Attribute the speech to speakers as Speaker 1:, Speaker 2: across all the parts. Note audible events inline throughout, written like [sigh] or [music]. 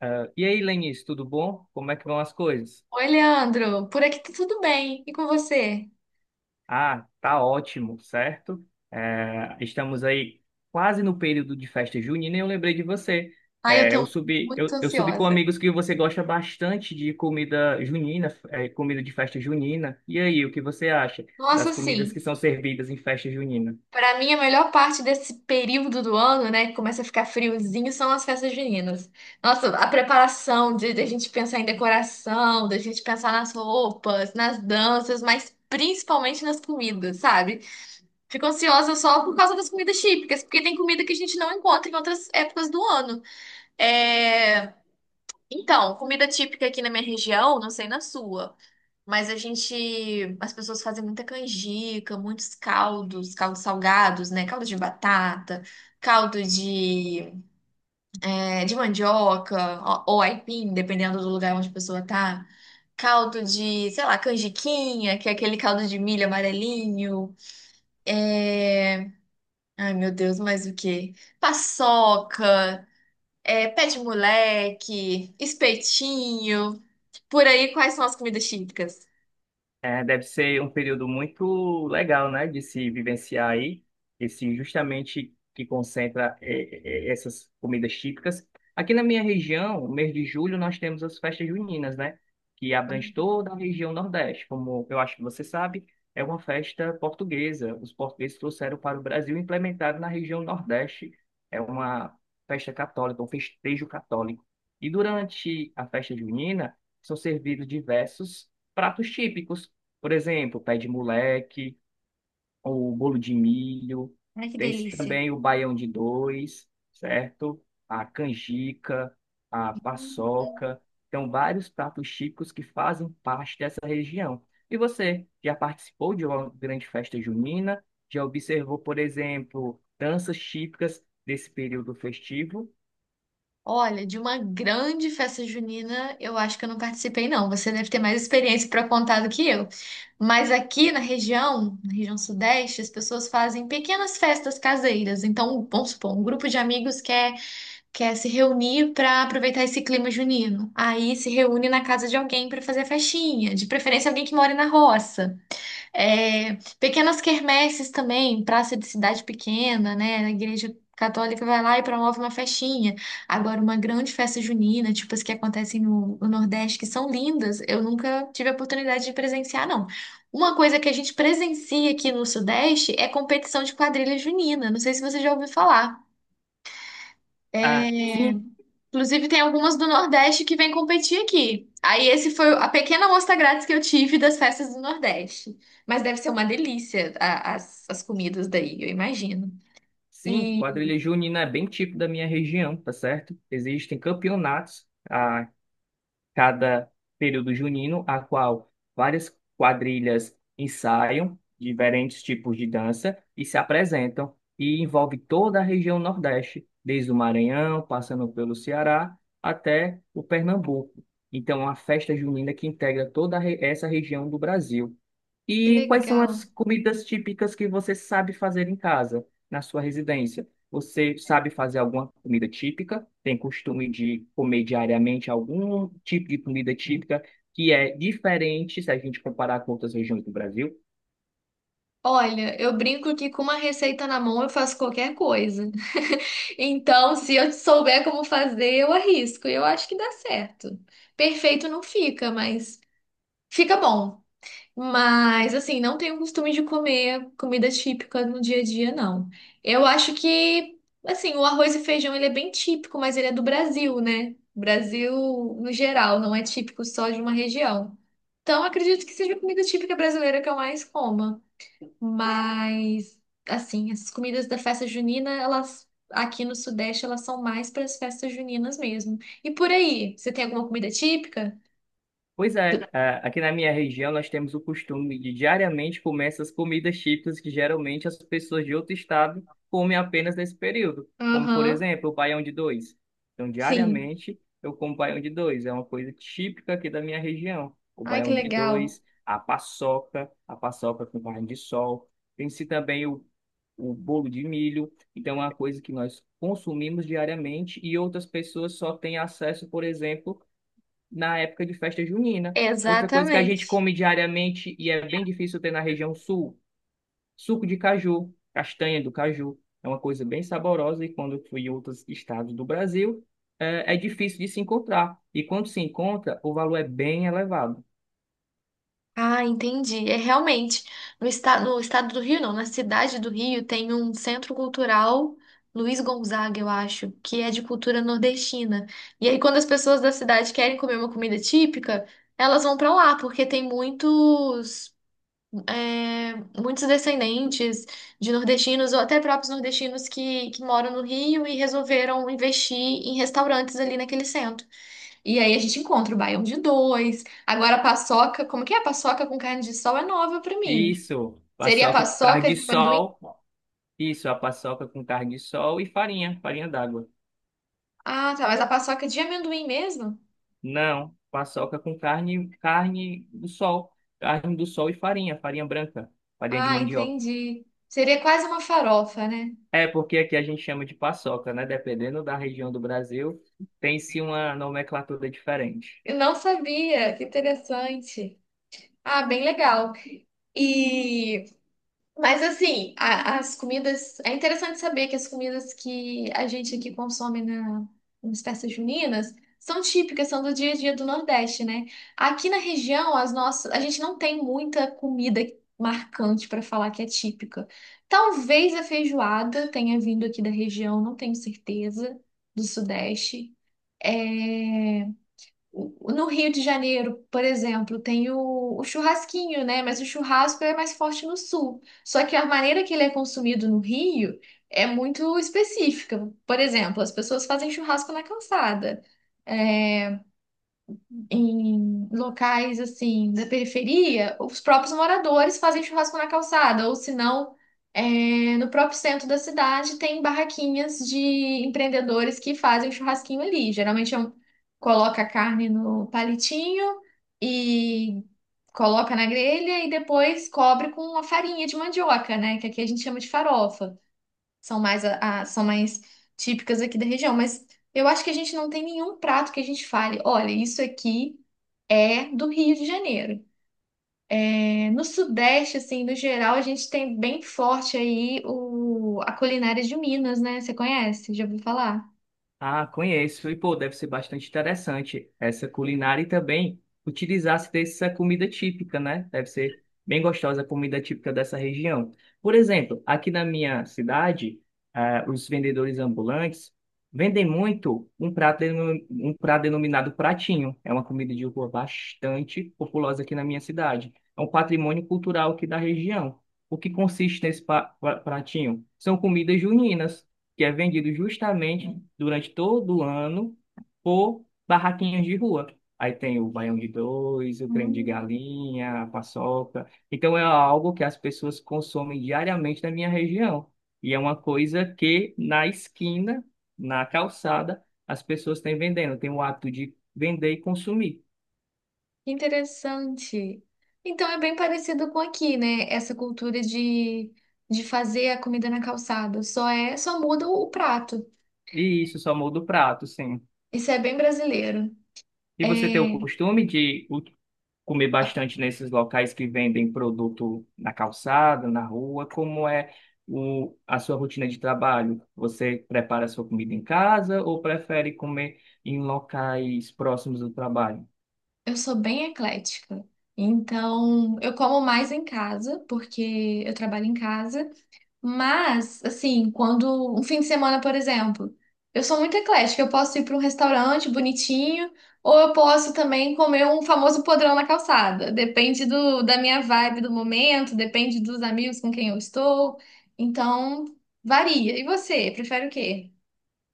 Speaker 1: Ah, e aí, Lenice, tudo bom? Como é que vão as coisas?
Speaker 2: Oi, Leandro. Por aqui tá tudo bem. E com você?
Speaker 1: Ah, tá ótimo, certo? Estamos aí quase no período de festa junina e eu lembrei de você.
Speaker 2: Ai, eu
Speaker 1: Eh, eu
Speaker 2: tô
Speaker 1: subi,
Speaker 2: muito
Speaker 1: eu, eu subi com
Speaker 2: ansiosa.
Speaker 1: amigos que você gosta bastante de comida junina, comida de festa junina. E aí, o que você acha das
Speaker 2: Nossa,
Speaker 1: comidas que
Speaker 2: sim.
Speaker 1: são servidas em festa junina?
Speaker 2: Pra mim, a melhor parte desse período do ano, né, que começa a ficar friozinho, são as festas juninas. Nossa, a preparação de a gente pensar em decoração, da gente pensar nas roupas, nas danças, mas principalmente nas comidas, sabe? Fico ansiosa só por causa das comidas típicas, porque tem comida que a gente não encontra em outras épocas do ano. É... Então, comida típica aqui na minha região, não sei na sua. Mas a gente, as pessoas fazem muita canjica, muitos caldos, caldos salgados, né? Caldo de batata, caldo de, é, de mandioca ou aipim, dependendo do lugar onde a pessoa tá. Caldo de, sei lá, canjiquinha, que é aquele caldo de milho amarelinho. É... Ai, meu Deus, mais o quê? Paçoca, é, pé de moleque, espetinho. Por aí, quais são as comidas típicas?
Speaker 1: É, deve ser um período muito legal, né, de se vivenciar aí, esse justamente que concentra essas comidas típicas. Aqui na minha região, no mês de julho, nós temos as festas juninas, né, que abrange toda a região Nordeste. Como eu acho que você sabe, é uma festa portuguesa. Os portugueses trouxeram para o Brasil e implementaram na região Nordeste. É uma festa católica, um festejo católico. E durante a festa junina, são servidos diversos pratos típicos, por exemplo, pé de moleque, o bolo de milho,
Speaker 2: Ai, que
Speaker 1: tem
Speaker 2: delícia.
Speaker 1: também o baião de dois, certo? A canjica, a paçoca. Então, vários pratos típicos que fazem parte dessa região. E você já participou de uma grande festa junina? Já observou, por exemplo, danças típicas desse período festivo?
Speaker 2: Olha, de uma grande festa junina, eu acho que eu não participei, não. Você deve ter mais experiência para contar do que eu. Mas aqui na região sudeste, as pessoas fazem pequenas festas caseiras. Então, vamos supor, um grupo de amigos quer, quer se reunir para aproveitar esse clima junino. Aí se reúne na casa de alguém para fazer a festinha, de preferência alguém que mora na roça. É, pequenas quermesses também, praça de cidade pequena, né? A igreja católica vai lá e promove uma festinha. Agora, uma grande festa junina, tipo as que acontecem no Nordeste, que são lindas, eu nunca tive a oportunidade de presenciar, não. Uma coisa que a gente presencia aqui no Sudeste é competição de quadrilha junina. Não sei se você já ouviu falar.
Speaker 1: Ah,
Speaker 2: É,
Speaker 1: sim,
Speaker 2: inclusive, tem algumas do Nordeste que vêm competir aqui. Aí, esse foi a pequena amostra grátis que eu tive das festas do Nordeste. Mas deve ser uma delícia as, as comidas daí, eu imagino.
Speaker 1: sim,
Speaker 2: E
Speaker 1: quadrilha junina é bem típico da minha região, tá certo? Existem campeonatos. Cada período junino, a qual várias quadrilhas ensaiam diferentes tipos de dança e se apresentam, e envolve toda a região Nordeste, desde o Maranhão, passando pelo Ceará até o Pernambuco. Então, é uma festa junina que integra toda a essa região do Brasil.
Speaker 2: que
Speaker 1: E quais são as
Speaker 2: legal.
Speaker 1: comidas típicas que você sabe fazer em casa, na sua residência? Você sabe fazer alguma comida típica? Tem costume de comer diariamente algum tipo de comida típica que é diferente se a gente comparar com outras regiões do Brasil?
Speaker 2: Olha, eu brinco que com uma receita na mão eu faço qualquer coisa. [laughs] Então, se eu souber como fazer, eu arrisco. E eu acho que dá certo. Perfeito não fica, mas fica bom. Mas, assim, não tenho costume de comer comida típica no dia a dia, não. Eu acho que, assim, o arroz e feijão, ele é bem típico, mas ele é do Brasil, né? Brasil, no geral, não é típico só de uma região. Então, acredito que seja a comida típica brasileira que eu mais coma. Mas, assim, essas comidas da festa junina, elas, aqui no Sudeste, elas são mais para as festas juninas mesmo. E por aí, você tem alguma comida típica?
Speaker 1: Pois é, aqui na minha região nós temos o costume de diariamente comer essas comidas típicas que geralmente as pessoas de outro estado comem apenas nesse período, como por
Speaker 2: Aham,
Speaker 1: exemplo o baião de dois. Então
Speaker 2: sim.
Speaker 1: diariamente eu como baião de dois, é uma coisa típica aqui da minha região. O
Speaker 2: Ai, que
Speaker 1: baião de
Speaker 2: legal.
Speaker 1: dois, a paçoca com carne de sol, tem-se também o bolo de milho, então é uma coisa que nós consumimos diariamente e outras pessoas só têm acesso, por exemplo, na época de festa junina. Outra coisa que a gente
Speaker 2: Exatamente.
Speaker 1: come diariamente e é bem difícil ter na região sul, suco de caju, castanha do caju. É uma coisa bem saborosa e quando eu fui em outros estados do Brasil, é difícil de se encontrar. E quando se encontra, o valor é bem elevado.
Speaker 2: Ah, entendi. É realmente. No estado, no estado do Rio, não, na cidade do Rio, tem um centro cultural Luiz Gonzaga, eu acho, que é de cultura nordestina. E aí, quando as pessoas da cidade querem comer uma comida típica, elas vão pra lá, porque tem muitos, é, muitos descendentes de nordestinos, ou até próprios nordestinos que moram no Rio e resolveram investir em restaurantes ali naquele centro. E aí a gente encontra o baião de dois. Agora a paçoca, como que é? A paçoca com carne de sol é nova pra mim.
Speaker 1: Isso,
Speaker 2: Seria a
Speaker 1: paçoca com carne
Speaker 2: paçoca
Speaker 1: de
Speaker 2: de amendoim?
Speaker 1: sol. Isso, a paçoca com carne de sol e farinha, farinha d'água.
Speaker 2: Ah, tá, mas a paçoca de amendoim mesmo?
Speaker 1: Não, paçoca com carne, carne do sol e farinha, farinha branca, farinha de
Speaker 2: Ah,
Speaker 1: mandioca.
Speaker 2: entendi. Seria quase uma farofa, né?
Speaker 1: É, porque aqui a gente chama de paçoca, né? Dependendo da região do Brasil, tem-se uma nomenclatura diferente.
Speaker 2: Eu não sabia, que interessante. Ah, bem legal. E mas assim, as comidas. É interessante saber que as comidas que a gente aqui consome na, nas festas juninas são típicas, são do dia a dia do Nordeste, né? Aqui na região, as nossas, a gente não tem muita comida marcante para falar que é típica. Talvez a feijoada tenha vindo aqui da região, não tenho certeza, do Sudeste. É no Rio de Janeiro, por exemplo, tem o churrasquinho, né? Mas o churrasco é mais forte no sul. Só que a maneira que ele é consumido no Rio é muito específica. Por exemplo, as pessoas fazem churrasco na calçada. É, em locais assim da periferia, os próprios moradores fazem churrasco na calçada, ou se não, é, no próprio centro da cidade tem barraquinhas de empreendedores que fazem churrasquinho ali. Geralmente é coloca a carne no palitinho e coloca na grelha e depois cobre com a farinha de mandioca, né? Que aqui a gente chama de farofa. São mais são mais típicas aqui da região, mas eu acho que a gente não tem nenhum prato que a gente fale, olha, isso aqui é do Rio de Janeiro. É, no Sudeste, assim, no geral, a gente tem bem forte aí o, a culinária de Minas, né? Você conhece? Já ouviu falar?
Speaker 1: Ah, conheço. E, pô, deve ser bastante interessante essa culinária e também utilizar-se dessa comida típica, né? Deve ser bem gostosa a comida típica dessa região. Por exemplo, aqui na minha cidade, os vendedores ambulantes vendem muito um prato, um prato denominado pratinho. É uma comida de rua bastante populosa aqui na minha cidade. É um patrimônio cultural aqui da região. O que consiste nesse pratinho? São comidas juninas que é vendido justamente durante todo o ano por barraquinhas de rua. Aí tem o baião de dois, o creme de
Speaker 2: Hum,
Speaker 1: galinha, a paçoca. Então é algo que as pessoas consomem diariamente na minha região. E é uma coisa que na esquina, na calçada, as pessoas têm vendendo, têm o hábito de vender e consumir.
Speaker 2: que interessante. Então é bem parecido com aqui, né? Essa cultura de fazer a comida na calçada. Só é, só muda o prato.
Speaker 1: E isso só muda o prato, sim.
Speaker 2: Isso é bem brasileiro.
Speaker 1: E
Speaker 2: É,
Speaker 1: você tem o costume de comer bastante nesses locais que vendem produto na calçada, na rua? Como é a sua rotina de trabalho? Você prepara sua comida em casa ou prefere comer em locais próximos do trabalho?
Speaker 2: eu sou bem eclética. Então, eu como mais em casa, porque eu trabalho em casa. Mas, assim, quando um fim de semana, por exemplo, eu sou muito eclética, eu posso ir para um restaurante bonitinho, ou eu posso também comer um famoso podrão na calçada. Depende do, da minha vibe do momento, depende dos amigos com quem eu estou. Então, varia. E você, prefere o quê?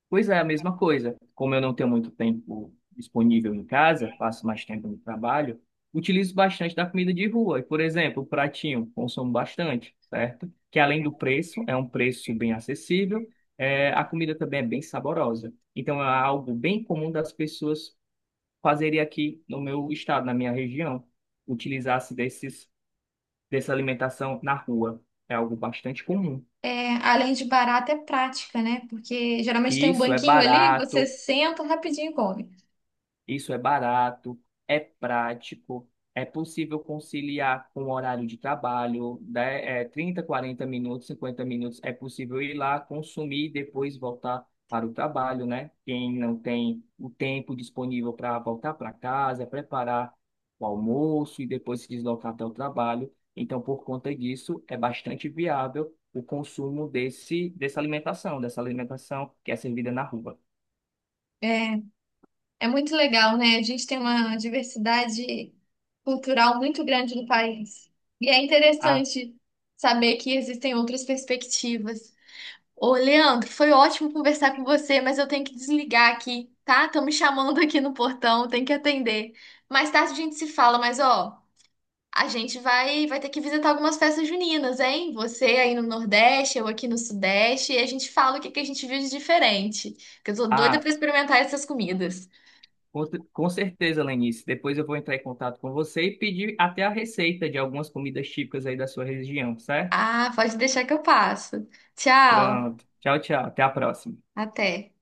Speaker 1: Pois é, a mesma coisa. Como eu não tenho muito tempo disponível em casa, passo mais tempo no trabalho, utilizo bastante da comida de rua. E, por exemplo, o pratinho, consumo bastante, certo? Que além do preço, é um preço bem acessível, a comida também é bem saborosa. Então, é algo bem comum das pessoas fazerem aqui no meu estado, na minha região, utilizar-se dessa alimentação na rua. É algo bastante comum.
Speaker 2: É, além de barato, é prática, né? Porque geralmente tem
Speaker 1: E
Speaker 2: um
Speaker 1: isso é
Speaker 2: banquinho ali, você
Speaker 1: barato
Speaker 2: senta rapidinho e come.
Speaker 1: Isso é barato, é prático, é possível conciliar com o horário de trabalho, né? É 30, 40 minutos, 50 minutos, é possível ir lá, consumir e depois voltar para o trabalho, né? Quem não tem o tempo disponível para voltar para casa, preparar o almoço e depois se deslocar até o trabalho. Então, por conta disso, é bastante viável o consumo dessa alimentação que é servida na rua.
Speaker 2: É muito legal, né? A gente tem uma diversidade cultural muito grande no país. E é
Speaker 1: A,
Speaker 2: interessante saber que existem outras perspectivas. Ô, Leandro, foi ótimo conversar com você, mas eu tenho que desligar aqui, tá? Estão me chamando aqui no portão, tenho que atender. Mais tarde a gente se fala, mas ó, a gente vai ter que visitar algumas festas juninas, hein? Você aí no Nordeste, eu aqui no Sudeste, e a gente fala o que que a gente viu de diferente, que eu tô doida
Speaker 1: a
Speaker 2: pra experimentar essas comidas.
Speaker 1: Com com certeza, Lenice. Depois eu vou entrar em contato com você e pedir até a receita de algumas comidas típicas aí da sua região, certo?
Speaker 2: Ah, pode deixar que eu passo. Tchau,
Speaker 1: Pronto. Tchau, tchau. Até a próxima.
Speaker 2: até.